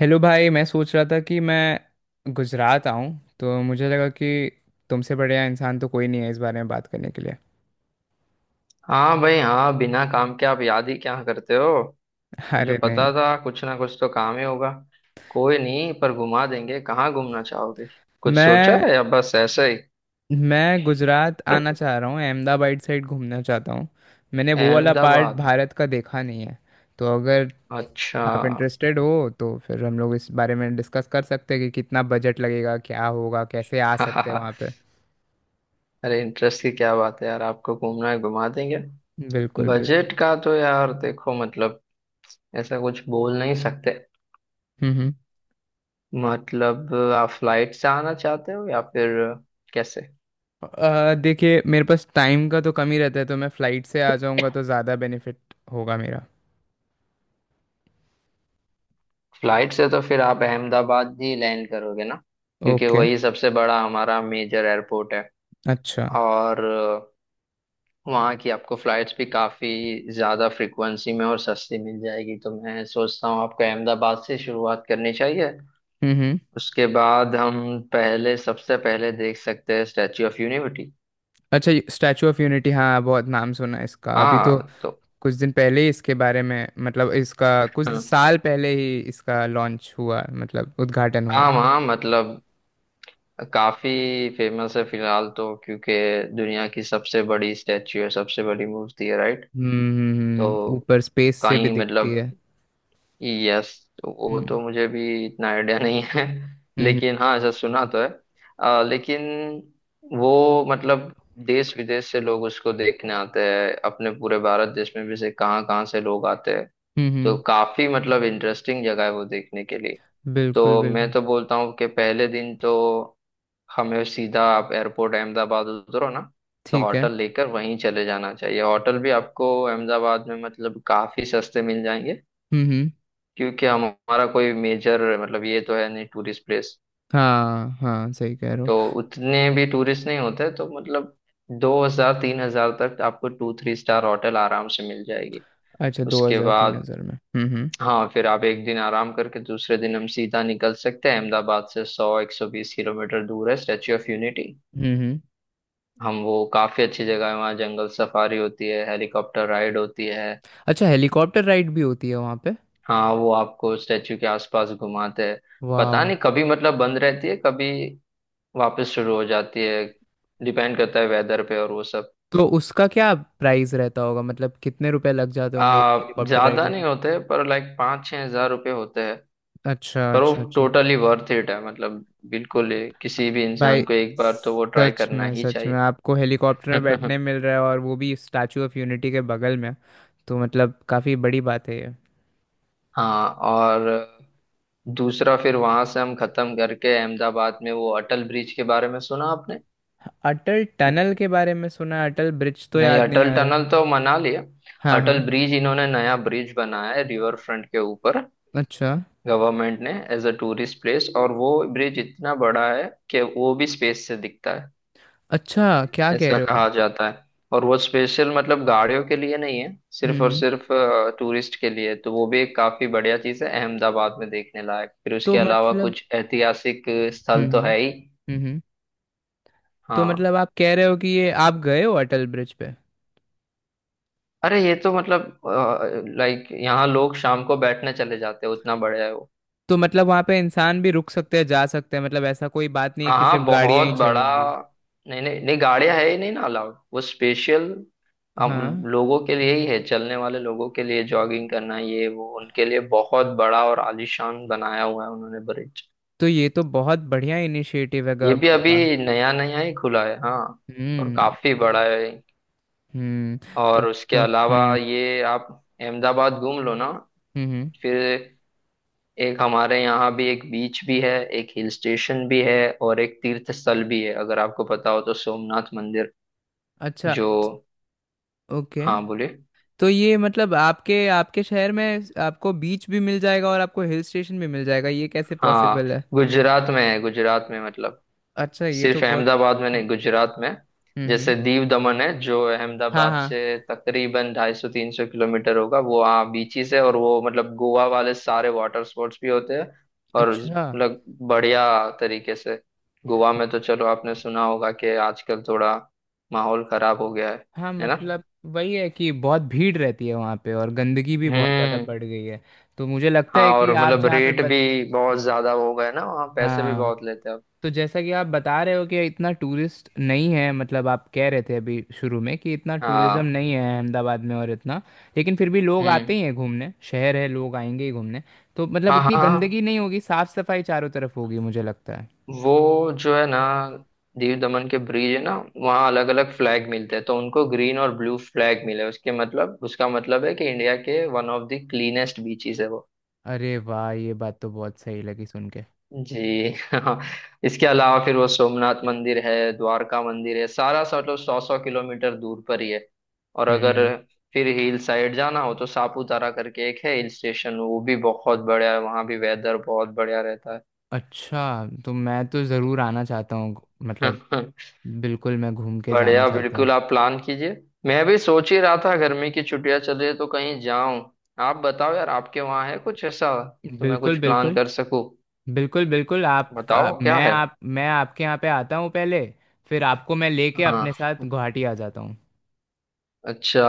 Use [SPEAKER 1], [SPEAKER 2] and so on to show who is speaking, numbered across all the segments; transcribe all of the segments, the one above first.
[SPEAKER 1] Hello भाई, मैं सोच रहा था कि मैं गुजरात आऊं, तो मुझे लगा कि तुमसे बढ़िया इंसान तो कोई नहीं है इस बारे में बात करने के लिए।
[SPEAKER 2] हाँ भाई हाँ बिना काम के आप याद ही क्या करते हो। मुझे
[SPEAKER 1] अरे नहीं,
[SPEAKER 2] पता था कुछ ना कुछ तो काम ही होगा। कोई नहीं पर घुमा देंगे, कहाँ घूमना चाहोगे? कुछ सोचा
[SPEAKER 1] मैं
[SPEAKER 2] है या बस ऐसे ही?
[SPEAKER 1] मैं गुजरात आना चाह रहा हूँ, अहमदाबाद साइड घूमना चाहता हूँ। मैंने वो वाला पार्ट
[SPEAKER 2] अहमदाबाद।
[SPEAKER 1] भारत का देखा नहीं है। तो अगर
[SPEAKER 2] अच्छा।
[SPEAKER 1] आप इंटरेस्टेड हो तो फिर हम लोग इस बारे में डिस्कस कर सकते हैं कि कितना बजट लगेगा, क्या होगा, कैसे आ सकते हैं वहाँ पे।
[SPEAKER 2] अरे इंटरेस्ट की क्या बात है यार, आपको घूमना है घुमा देंगे।
[SPEAKER 1] बिल्कुल बिल्कुल।
[SPEAKER 2] बजट का तो यार देखो मतलब ऐसा कुछ बोल नहीं सकते।
[SPEAKER 1] हम्म।
[SPEAKER 2] मतलब आप फ्लाइट से आना चाहते हो या फिर कैसे?
[SPEAKER 1] देखिए, मेरे पास टाइम का तो कम ही रहता है, तो मैं फ्लाइट से आ जाऊंगा तो ज़्यादा बेनिफिट होगा मेरा।
[SPEAKER 2] फ्लाइट से तो फिर आप अहमदाबाद ही लैंड करोगे ना, क्योंकि
[SPEAKER 1] ओके।
[SPEAKER 2] वही सबसे बड़ा हमारा मेजर एयरपोर्ट है।
[SPEAKER 1] अच्छा।
[SPEAKER 2] और वहाँ की आपको फ्लाइट्स भी काफ़ी ज़्यादा फ्रिक्वेंसी में और सस्ती मिल जाएगी, तो मैं सोचता हूँ आपको अहमदाबाद से शुरुआत करनी चाहिए।
[SPEAKER 1] हम्म।
[SPEAKER 2] उसके बाद हम पहले, सबसे पहले देख सकते हैं स्टैच्यू ऑफ यूनिटी।
[SPEAKER 1] अच्छा, स्टैचू ऑफ यूनिटी, हाँ बहुत नाम सुना है इसका। अभी तो
[SPEAKER 2] हाँ तो।
[SPEAKER 1] कुछ दिन पहले ही इसके बारे में, मतलब इसका कुछ
[SPEAKER 2] हाँ
[SPEAKER 1] साल पहले ही इसका लॉन्च हुआ, मतलब उद्घाटन हुआ
[SPEAKER 2] हाँ, वहाँ मतलब काफ़ी फेमस है फिलहाल तो, क्योंकि दुनिया की सबसे बड़ी स्टैच्यू है, सबसे बड़ी मूर्ति है, राइट।
[SPEAKER 1] हम्म
[SPEAKER 2] तो
[SPEAKER 1] ऊपर स्पेस से भी
[SPEAKER 2] कहीं
[SPEAKER 1] दिखती
[SPEAKER 2] मतलब,
[SPEAKER 1] है।
[SPEAKER 2] यस, वो तो
[SPEAKER 1] हम्म
[SPEAKER 2] मुझे भी इतना आइडिया नहीं है।
[SPEAKER 1] हम्म।
[SPEAKER 2] लेकिन हाँ ऐसा सुना तो है। लेकिन वो मतलब देश विदेश से लोग उसको देखने आते हैं, अपने पूरे भारत देश में भी से कहाँ कहाँ से लोग आते हैं।
[SPEAKER 1] हम्म,
[SPEAKER 2] तो
[SPEAKER 1] हम्म।
[SPEAKER 2] काफी मतलब इंटरेस्टिंग जगह है वो देखने के लिए।
[SPEAKER 1] बिल्कुल
[SPEAKER 2] तो मैं
[SPEAKER 1] बिल्कुल।
[SPEAKER 2] तो बोलता हूँ कि पहले दिन तो हमें सीधा आप एयरपोर्ट अहमदाबाद उतरो ना, तो
[SPEAKER 1] ठीक है।
[SPEAKER 2] होटल लेकर वहीं चले जाना चाहिए। होटल भी आपको अहमदाबाद में मतलब काफी सस्ते मिल जाएंगे,
[SPEAKER 1] हम्म।
[SPEAKER 2] क्योंकि हमारा कोई मेजर मतलब ये तो है नहीं टूरिस्ट प्लेस।
[SPEAKER 1] हाँ हाँ, सही कह रहे हो।
[SPEAKER 2] तो उतने भी टूरिस्ट नहीं होते, तो मतलब 2 हजार 3 हजार तक आपको 2-3 स्टार होटल आराम से मिल जाएगी।
[SPEAKER 1] अच्छा, दो
[SPEAKER 2] उसके
[SPEAKER 1] हजार तीन
[SPEAKER 2] बाद
[SPEAKER 1] हजार में। हम्म।
[SPEAKER 2] हाँ, फिर आप एक दिन आराम करके दूसरे दिन हम सीधा निकल सकते हैं, अहमदाबाद से 100-120 किलोमीटर दूर है स्टेच्यू ऑफ यूनिटी।
[SPEAKER 1] हम्म हम्म।
[SPEAKER 2] हम वो काफी अच्छी जगह है, वहाँ जंगल सफारी होती है, हेलीकॉप्टर राइड होती है।
[SPEAKER 1] अच्छा, हेलीकॉप्टर राइड भी होती है वहाँ पे।
[SPEAKER 2] हाँ, वो आपको स्टेच्यू के आसपास घुमाते हैं। पता
[SPEAKER 1] वाह।
[SPEAKER 2] नहीं कभी मतलब बंद रहती है, कभी वापस शुरू हो जाती है, डिपेंड करता है वेदर पे और वो सब।
[SPEAKER 1] तो उसका क्या प्राइस रहता होगा, मतलब कितने रुपए लग जाते
[SPEAKER 2] आ
[SPEAKER 1] होंगे हेलीकॉप्टर राइड
[SPEAKER 2] ज्यादा नहीं
[SPEAKER 1] लेने।
[SPEAKER 2] होते पर लाइक 5-6 हजार रुपये होते हैं।
[SPEAKER 1] अच्छा
[SPEAKER 2] पर वो
[SPEAKER 1] अच्छा अच्छा।
[SPEAKER 2] टोटली वर्थ इट है, मतलब बिल्कुल ही किसी भी इंसान
[SPEAKER 1] भाई,
[SPEAKER 2] को एक बार तो वो ट्राई करना ही
[SPEAKER 1] सच में आपको हेलीकॉप्टर
[SPEAKER 2] चाहिए।
[SPEAKER 1] में बैठने मिल रहा है और वो भी स्टैचू ऑफ यूनिटी के बगल में, तो मतलब काफ़ी बड़ी बात है ये।
[SPEAKER 2] हाँ और दूसरा, फिर वहां से हम खत्म करके अहमदाबाद में वो अटल ब्रिज के बारे में सुना आपने?
[SPEAKER 1] अटल टनल के बारे में सुना है, अटल ब्रिज तो
[SPEAKER 2] नहीं
[SPEAKER 1] याद नहीं
[SPEAKER 2] अटल
[SPEAKER 1] आ रहा है।
[SPEAKER 2] टनल तो मना लिया।
[SPEAKER 1] हाँ
[SPEAKER 2] अटल
[SPEAKER 1] हाँ।
[SPEAKER 2] ब्रिज, इन्होंने नया ब्रिज बनाया है रिवर फ्रंट के ऊपर,
[SPEAKER 1] अच्छा।
[SPEAKER 2] गवर्नमेंट ने, एज अ टूरिस्ट प्लेस। और वो ब्रिज इतना बड़ा है कि वो भी स्पेस से दिखता है,
[SPEAKER 1] अच्छा, क्या कह
[SPEAKER 2] ऐसा
[SPEAKER 1] रहे हो।
[SPEAKER 2] कहा जाता है। और वो स्पेशल मतलब गाड़ियों के लिए नहीं है, सिर्फ
[SPEAKER 1] हम्म
[SPEAKER 2] और
[SPEAKER 1] हम्म।
[SPEAKER 2] सिर्फ टूरिस्ट के लिए। तो वो भी एक काफी बढ़िया चीज है अहमदाबाद में देखने लायक। फिर
[SPEAKER 1] तो
[SPEAKER 2] उसके अलावा
[SPEAKER 1] मतलब।
[SPEAKER 2] कुछ ऐतिहासिक स्थल तो है ही।
[SPEAKER 1] हम्म। हम्म। तो
[SPEAKER 2] हाँ।
[SPEAKER 1] मतलब आप कह रहे हो कि ये आप गए हो अटल ब्रिज पे।
[SPEAKER 2] अरे ये तो मतलब लाइक यहाँ लोग शाम को बैठने चले जाते हैं, उतना बड़ा है वो।
[SPEAKER 1] तो मतलब वहां पे इंसान भी रुक सकते हैं, जा सकते हैं, मतलब ऐसा कोई बात नहीं है
[SPEAKER 2] हाँ
[SPEAKER 1] कि सिर्फ
[SPEAKER 2] हाँ
[SPEAKER 1] गाड़ियां
[SPEAKER 2] बहुत
[SPEAKER 1] ही
[SPEAKER 2] बड़ा।
[SPEAKER 1] चलेंगी।
[SPEAKER 2] नहीं नहीं नहीं, गाड़ियां है ही नहीं ना अलाउड, वो स्पेशल हम
[SPEAKER 1] हाँ।
[SPEAKER 2] लोगों के लिए ही है, चलने वाले लोगों के लिए, जॉगिंग करना ये वो, उनके लिए बहुत बड़ा और आलीशान बनाया हुआ है उन्होंने ब्रिज।
[SPEAKER 1] तो ये तो बहुत बढ़िया इनिशिएटिव है
[SPEAKER 2] ये भी
[SPEAKER 1] गवर्नमेंट का।
[SPEAKER 2] अभी नया नया ही खुला है हाँ, और
[SPEAKER 1] हम्म
[SPEAKER 2] काफी बड़ा है।
[SPEAKER 1] हम्म। तब
[SPEAKER 2] और उसके
[SPEAKER 1] तो
[SPEAKER 2] अलावा ये आप अहमदाबाद घूम लो ना।
[SPEAKER 1] हम्म। हम्म।
[SPEAKER 2] फिर एक हमारे यहाँ भी एक बीच भी है, एक हिल स्टेशन भी है, और एक तीर्थ स्थल भी है, अगर आपको पता हो तो सोमनाथ मंदिर
[SPEAKER 1] अच्छा
[SPEAKER 2] जो।
[SPEAKER 1] ओके।
[SPEAKER 2] हाँ बोलिए।
[SPEAKER 1] तो ये मतलब आपके आपके शहर में आपको बीच भी मिल जाएगा और आपको हिल स्टेशन भी मिल जाएगा, ये कैसे
[SPEAKER 2] हाँ
[SPEAKER 1] पॉसिबल है?
[SPEAKER 2] गुजरात में है, गुजरात में मतलब
[SPEAKER 1] अच्छा, ये तो
[SPEAKER 2] सिर्फ
[SPEAKER 1] बहुत।
[SPEAKER 2] अहमदाबाद में नहीं,
[SPEAKER 1] हम्म।
[SPEAKER 2] गुजरात में।
[SPEAKER 1] हम्म हम्म।
[SPEAKER 2] जैसे दीव दमन है जो
[SPEAKER 1] हाँ
[SPEAKER 2] अहमदाबाद
[SPEAKER 1] हाँ।
[SPEAKER 2] से तकरीबन 250-300 किलोमीटर होगा, वो हाँ बीचेस है, और वो मतलब गोवा वाले सारे वाटर स्पोर्ट्स भी होते हैं, और
[SPEAKER 1] अच्छा।
[SPEAKER 2] मतलब बढ़िया तरीके से। गोवा में तो चलो आपने सुना होगा कि आजकल थोड़ा माहौल खराब हो गया है
[SPEAKER 1] हाँ
[SPEAKER 2] है ना।
[SPEAKER 1] मतलब वही है कि बहुत भीड़ रहती है वहाँ पे और गंदगी भी बहुत ज़्यादा
[SPEAKER 2] हम्म।
[SPEAKER 1] बढ़ गई है, तो मुझे लगता
[SPEAKER 2] हाँ
[SPEAKER 1] है कि
[SPEAKER 2] और
[SPEAKER 1] आप
[SPEAKER 2] मतलब
[SPEAKER 1] जहाँ पे
[SPEAKER 2] रेट
[SPEAKER 1] बत।
[SPEAKER 2] भी बहुत ज्यादा हो गए ना, वहाँ पैसे भी
[SPEAKER 1] हाँ।
[SPEAKER 2] बहुत लेते हैं अब।
[SPEAKER 1] तो जैसा कि आप बता रहे हो कि इतना टूरिस्ट नहीं है, मतलब आप कह रहे थे अभी शुरू में कि इतना टूरिज्म
[SPEAKER 2] हाँ।
[SPEAKER 1] नहीं है अहमदाबाद में, और इतना लेकिन फिर भी लोग आते
[SPEAKER 2] हम्म।
[SPEAKER 1] ही हैं घूमने, शहर है लोग आएंगे ही घूमने। तो मतलब
[SPEAKER 2] हाँ हाँ
[SPEAKER 1] उतनी
[SPEAKER 2] हाँ,
[SPEAKER 1] गंदगी नहीं होगी, साफ सफाई चारों तरफ होगी मुझे लगता है।
[SPEAKER 2] वो जो है ना दीव दमन के ब्रिज है ना, वहाँ अलग अलग फ्लैग मिलते हैं, तो उनको ग्रीन और ब्लू फ्लैग मिले, उसके मतलब उसका मतलब है कि इंडिया के one of the cleanest beaches है वो।
[SPEAKER 1] अरे वाह, ये बात तो बहुत सही लगी सुन के।
[SPEAKER 2] जी हाँ। इसके अलावा फिर वो सोमनाथ मंदिर है, द्वारका मंदिर है, सारा सा मतलब 100-100 किलोमीटर दूर पर ही है। और अगर
[SPEAKER 1] हम्म।
[SPEAKER 2] फिर हिल साइड जाना हो तो सापुतारा करके एक है हिल स्टेशन, वो भी बहुत बढ़िया है, वहाँ भी वेदर बहुत बढ़िया रहता
[SPEAKER 1] अच्छा, तो मैं तो ज़रूर आना चाहता हूँ,
[SPEAKER 2] है।
[SPEAKER 1] मतलब बिल्कुल मैं घूम के जाना
[SPEAKER 2] बढ़िया,
[SPEAKER 1] चाहता हूँ।
[SPEAKER 2] बिल्कुल आप प्लान कीजिए। मैं भी सोच ही रहा था गर्मी की छुट्टियां चल रही है तो कहीं जाऊं। आप बताओ यार आपके वहाँ है कुछ ऐसा, तो मैं
[SPEAKER 1] बिल्कुल
[SPEAKER 2] कुछ प्लान
[SPEAKER 1] बिल्कुल।
[SPEAKER 2] कर सकूं।
[SPEAKER 1] बिल्कुल बिल्कुल, आप आ,
[SPEAKER 2] बताओ क्या
[SPEAKER 1] मैं
[SPEAKER 2] है।
[SPEAKER 1] आप मैं आपके यहाँ पे आता हूँ पहले, फिर आपको मैं लेके अपने
[SPEAKER 2] हाँ।
[SPEAKER 1] साथ गुवाहाटी आ जाता हूँ।
[SPEAKER 2] अच्छा।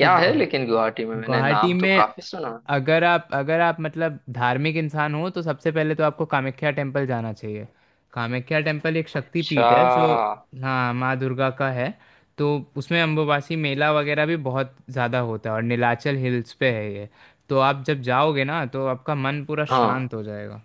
[SPEAKER 1] तो
[SPEAKER 2] है लेकिन गुवाहाटी में, मैंने
[SPEAKER 1] गुवाहाटी
[SPEAKER 2] नाम तो
[SPEAKER 1] में
[SPEAKER 2] काफी सुना है।
[SPEAKER 1] अगर आप मतलब धार्मिक इंसान हो, तो सबसे पहले तो आपको कामाख्या टेम्पल जाना चाहिए। कामाख्या टेम्पल एक शक्ति
[SPEAKER 2] अच्छा।
[SPEAKER 1] पीठ है जो, हाँ, माँ दुर्गा का है। तो उसमें अम्बुबासी मेला वगैरह भी बहुत ज़्यादा होता है और नीलाचल हिल्स पे है ये। तो आप जब जाओगे ना तो आपका मन पूरा शांत
[SPEAKER 2] हाँ।
[SPEAKER 1] हो जाएगा।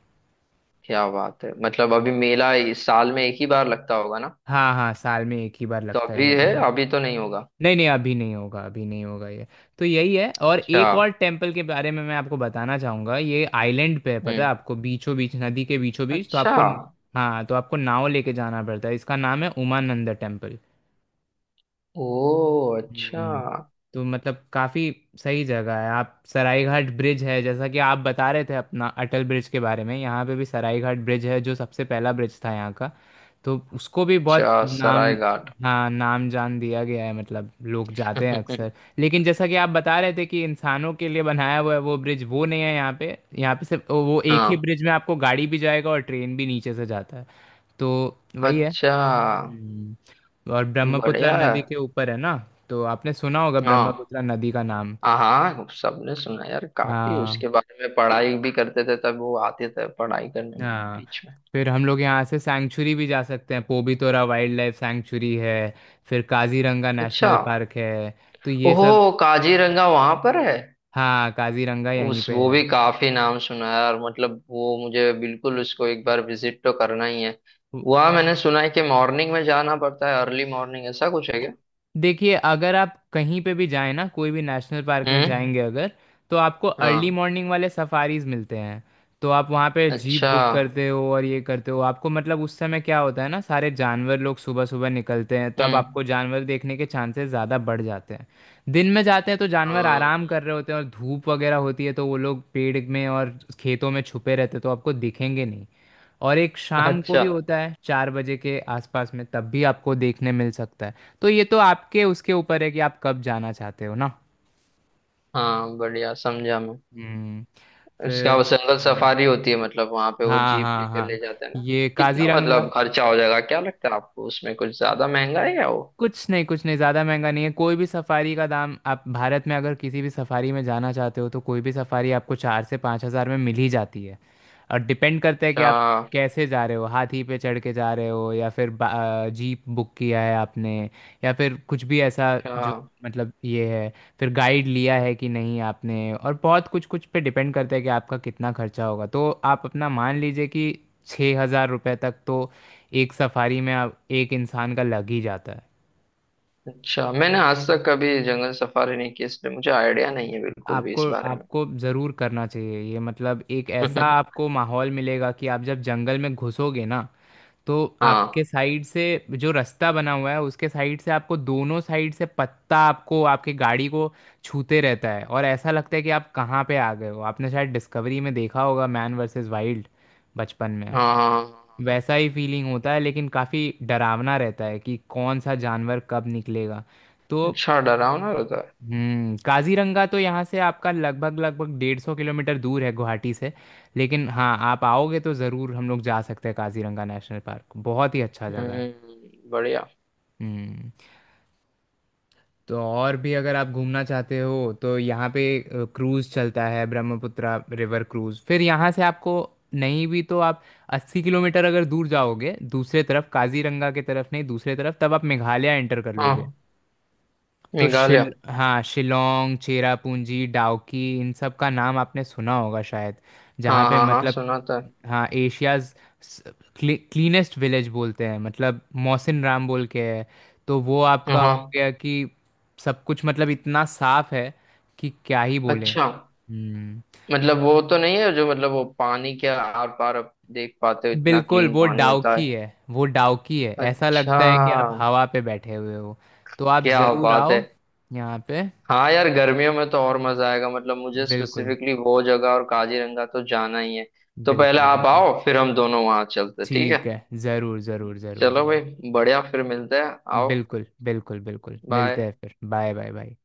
[SPEAKER 2] क्या बात है, मतलब अभी मेला इस साल में एक ही बार लगता होगा ना।
[SPEAKER 1] हाँ हाँ, साल में एक ही बार
[SPEAKER 2] तो
[SPEAKER 1] लगता है
[SPEAKER 2] अभी
[SPEAKER 1] ये
[SPEAKER 2] है?
[SPEAKER 1] मेला।
[SPEAKER 2] अभी तो नहीं होगा।
[SPEAKER 1] नहीं नहीं, अभी नहीं होगा, अभी नहीं होगा ये। तो यही है, और
[SPEAKER 2] अच्छा।
[SPEAKER 1] एक और टेम्पल के बारे में मैं आपको बताना चाहूंगा। ये आइलैंड पे है, पता
[SPEAKER 2] हम्म।
[SPEAKER 1] है आपको, बीचों बीच नदी के बीचों बीच, तो
[SPEAKER 2] अच्छा।
[SPEAKER 1] आपको, हाँ, तो आपको नाव लेके जाना पड़ता है। इसका नाम है उमानंद टेम्पल।
[SPEAKER 2] ओ। अच्छा।
[SPEAKER 1] हम्म। तो मतलब काफी सही जगह है। आप, सरायघाट ब्रिज है, जैसा कि आप बता रहे थे अपना अटल ब्रिज के बारे में, यहाँ पे भी सरायघाट ब्रिज है जो सबसे पहला ब्रिज था यहाँ का। तो उसको भी बहुत
[SPEAKER 2] अच्छा सराय
[SPEAKER 1] नाम,
[SPEAKER 2] घाट।
[SPEAKER 1] हाँ, नाम जान दिया गया है, मतलब लोग जाते हैं अक्सर। लेकिन जैसा कि आप बता रहे थे कि इंसानों के लिए बनाया हुआ है वो ब्रिज, वो नहीं है यहाँ पे। यहाँ पे सिर्फ वो एक ही
[SPEAKER 2] हाँ।
[SPEAKER 1] ब्रिज में आपको गाड़ी भी जाएगा और ट्रेन भी नीचे से जाता है। तो वही है।
[SPEAKER 2] अच्छा।
[SPEAKER 1] हम्म। और ब्रह्मपुत्र
[SPEAKER 2] बढ़िया है।
[SPEAKER 1] नदी के ऊपर है ना, तो आपने सुना होगा
[SPEAKER 2] हाँ
[SPEAKER 1] ब्रह्मपुत्र नदी का नाम।
[SPEAKER 2] हाँ हाँ, सबने सुना यार, काफी
[SPEAKER 1] हाँ
[SPEAKER 2] उसके बारे में पढ़ाई भी करते थे तब, वो आते थे पढ़ाई करने में भी
[SPEAKER 1] हाँ।
[SPEAKER 2] बीच में।
[SPEAKER 1] फिर हम लोग यहाँ से सैंक्चुरी भी जा सकते हैं, पोबितोरा वाइल्ड लाइफ सैंक्चुरी है, फिर काजीरंगा
[SPEAKER 2] अच्छा।
[SPEAKER 1] नेशनल पार्क है, तो ये
[SPEAKER 2] ओहो,
[SPEAKER 1] सब।
[SPEAKER 2] काजीरंगा वहां पर है।
[SPEAKER 1] हाँ, काजीरंगा यहीं
[SPEAKER 2] उस
[SPEAKER 1] पे
[SPEAKER 2] वो
[SPEAKER 1] है।
[SPEAKER 2] भी काफी नाम सुना है यार, मतलब वो मुझे बिल्कुल उसको एक बार विजिट तो करना ही है। वहाँ मैंने सुना है कि मॉर्निंग में जाना पड़ता है, अर्ली मॉर्निंग ऐसा कुछ है क्या?
[SPEAKER 1] देखिए, अगर आप कहीं पे भी जाएं ना, कोई भी नेशनल पार्क में
[SPEAKER 2] हम्म।
[SPEAKER 1] जाएंगे अगर, तो आपको अर्ली
[SPEAKER 2] हाँ।
[SPEAKER 1] मॉर्निंग वाले सफारीज मिलते हैं। तो आप वहाँ पे जीप
[SPEAKER 2] अच्छा।
[SPEAKER 1] बुक करते हो और ये करते हो। आपको मतलब, उस समय क्या होता है ना, सारे जानवर लोग सुबह सुबह निकलते हैं, तो अब आपको
[SPEAKER 2] हम्म।
[SPEAKER 1] जानवर देखने के चांसेस ज़्यादा बढ़ जाते हैं। दिन में जाते हैं तो जानवर आराम कर रहे होते हैं और धूप वगैरह होती है तो वो लोग पेड़ में और खेतों में छुपे रहते हैं, तो आपको दिखेंगे नहीं। और एक
[SPEAKER 2] हाँ।
[SPEAKER 1] शाम को
[SPEAKER 2] अच्छा।
[SPEAKER 1] भी होता है 4 बजे के आसपास में, तब भी आपको देखने मिल सकता है। तो ये तो आपके उसके ऊपर है कि आप कब जाना चाहते हो ना।
[SPEAKER 2] हाँ बढ़िया समझा मैं।
[SPEAKER 1] हम्म।
[SPEAKER 2] इसका
[SPEAKER 1] फिर,
[SPEAKER 2] वो जंगल सफारी होती है, मतलब वहां पे वो
[SPEAKER 1] हाँ
[SPEAKER 2] जीप
[SPEAKER 1] हाँ
[SPEAKER 2] लेकर
[SPEAKER 1] हाँ,
[SPEAKER 2] ले जाते हैं ना।
[SPEAKER 1] ये
[SPEAKER 2] कितना
[SPEAKER 1] काजीरंगा।
[SPEAKER 2] मतलब खर्चा हो जाएगा क्या लगता है आपको उसमें, कुछ ज्यादा महंगा है या वो?
[SPEAKER 1] कुछ नहीं कुछ नहीं, ज़्यादा महंगा नहीं है। कोई भी सफारी का दाम, आप भारत में अगर किसी भी सफारी में जाना चाहते हो, तो कोई भी सफारी आपको 4 से 5 हज़ार में मिल ही जाती है। और डिपेंड करता है कि
[SPEAKER 2] अच्छा
[SPEAKER 1] आप कैसे जा रहे हो, हाथी पे चढ़ के जा रहे हो, या फिर जीप बुक किया है आपने, या फिर कुछ भी ऐसा
[SPEAKER 2] अच्छा
[SPEAKER 1] जो मतलब ये है। फिर गाइड लिया है कि नहीं आपने, और बहुत कुछ कुछ पे डिपेंड करता है कि आपका कितना खर्चा होगा। तो आप अपना मान लीजिए कि 6 हज़ार रुपये तक तो एक सफारी में आप, एक इंसान का लग ही जाता है।
[SPEAKER 2] अच्छा, मैंने आज तक कभी जंगल सफारी नहीं की इसलिए मुझे आइडिया नहीं है बिल्कुल भी
[SPEAKER 1] आपको,
[SPEAKER 2] इस बारे में।
[SPEAKER 1] आपको ज़रूर करना चाहिए ये। मतलब एक ऐसा आपको माहौल मिलेगा कि आप जब जंगल में घुसोगे ना, तो आपके
[SPEAKER 2] हाँ
[SPEAKER 1] साइड से, जो रास्ता बना हुआ है उसके साइड से, आपको दोनों साइड से पत्ता आपको आपके गाड़ी को छूते रहता है, और ऐसा लगता है कि आप कहाँ पे आ गए हो। आपने शायद डिस्कवरी में देखा होगा मैन वर्सेस वाइल्ड बचपन में,
[SPEAKER 2] हाँ हाँ हाँ, हाँ।
[SPEAKER 1] वैसा ही फीलिंग होता है। लेकिन काफ़ी डरावना रहता है कि कौन सा जानवर कब निकलेगा। तो
[SPEAKER 2] अच्छा डरावना रहता
[SPEAKER 1] हम्म। काजीरंगा तो यहाँ से आपका लगभग लगभग 150 किलोमीटर दूर है गुवाहाटी से, लेकिन हाँ, आप आओगे तो ज़रूर हम लोग जा सकते हैं। काजीरंगा नेशनल पार्क बहुत ही अच्छा
[SPEAKER 2] है,
[SPEAKER 1] जगह है।
[SPEAKER 2] बढ़िया।
[SPEAKER 1] हम्म। तो और भी अगर आप घूमना चाहते हो तो यहाँ पे क्रूज़ चलता है, ब्रह्मपुत्रा रिवर क्रूज़। फिर यहाँ से आपको, नहीं भी तो आप 80 किलोमीटर अगर दूर जाओगे दूसरे तरफ, काजीरंगा के तरफ नहीं, दूसरे तरफ, तब आप मेघालय एंटर कर लोगे।
[SPEAKER 2] हाँ
[SPEAKER 1] तो शिल
[SPEAKER 2] मेघालय।
[SPEAKER 1] हाँ, शिलोंग, चेरापूंजी, डाउकी, इन सब का नाम आपने सुना होगा शायद। जहाँ
[SPEAKER 2] हाँ
[SPEAKER 1] पे
[SPEAKER 2] हाँ हाँ
[SPEAKER 1] मतलब,
[SPEAKER 2] सुना था।
[SPEAKER 1] हाँ, एशियाज क्लीनेस्ट विलेज बोलते हैं, मतलब मोहसिन राम बोल के है। तो वो
[SPEAKER 2] हाँ
[SPEAKER 1] आपका हो
[SPEAKER 2] हाँ,
[SPEAKER 1] गया कि सब कुछ मतलब इतना साफ है कि क्या ही बोले।
[SPEAKER 2] अच्छा,
[SPEAKER 1] हम्म।
[SPEAKER 2] मतलब वो तो नहीं है जो मतलब वो पानी के आर पार आप देख पाते हो इतना
[SPEAKER 1] बिल्कुल,
[SPEAKER 2] क्लीन
[SPEAKER 1] वो
[SPEAKER 2] पानी होता है?
[SPEAKER 1] डाउकी है। वो डाउकी है, ऐसा
[SPEAKER 2] अच्छा।
[SPEAKER 1] लगता है कि आप हवा पे बैठे हुए हो। तो आप
[SPEAKER 2] क्या
[SPEAKER 1] ज़रूर
[SPEAKER 2] बात है।
[SPEAKER 1] आओ यहाँ पे।
[SPEAKER 2] हाँ यार गर्मियों में तो और मजा आएगा, मतलब मुझे
[SPEAKER 1] बिल्कुल
[SPEAKER 2] स्पेसिफिकली वो जगह और काजीरंगा तो जाना ही है। तो पहले
[SPEAKER 1] बिल्कुल
[SPEAKER 2] आप
[SPEAKER 1] बिल्कुल।
[SPEAKER 2] आओ फिर हम दोनों वहां चलते, ठीक
[SPEAKER 1] ठीक
[SPEAKER 2] है।
[SPEAKER 1] है। ज़रूर ज़रूर ज़रूर
[SPEAKER 2] चलो
[SPEAKER 1] ज़रूर।
[SPEAKER 2] भाई, बढ़िया फिर मिलते हैं, आओ।
[SPEAKER 1] बिल्कुल बिल्कुल बिल्कुल, मिलते
[SPEAKER 2] बाय।
[SPEAKER 1] हैं फिर। Bye bye bye.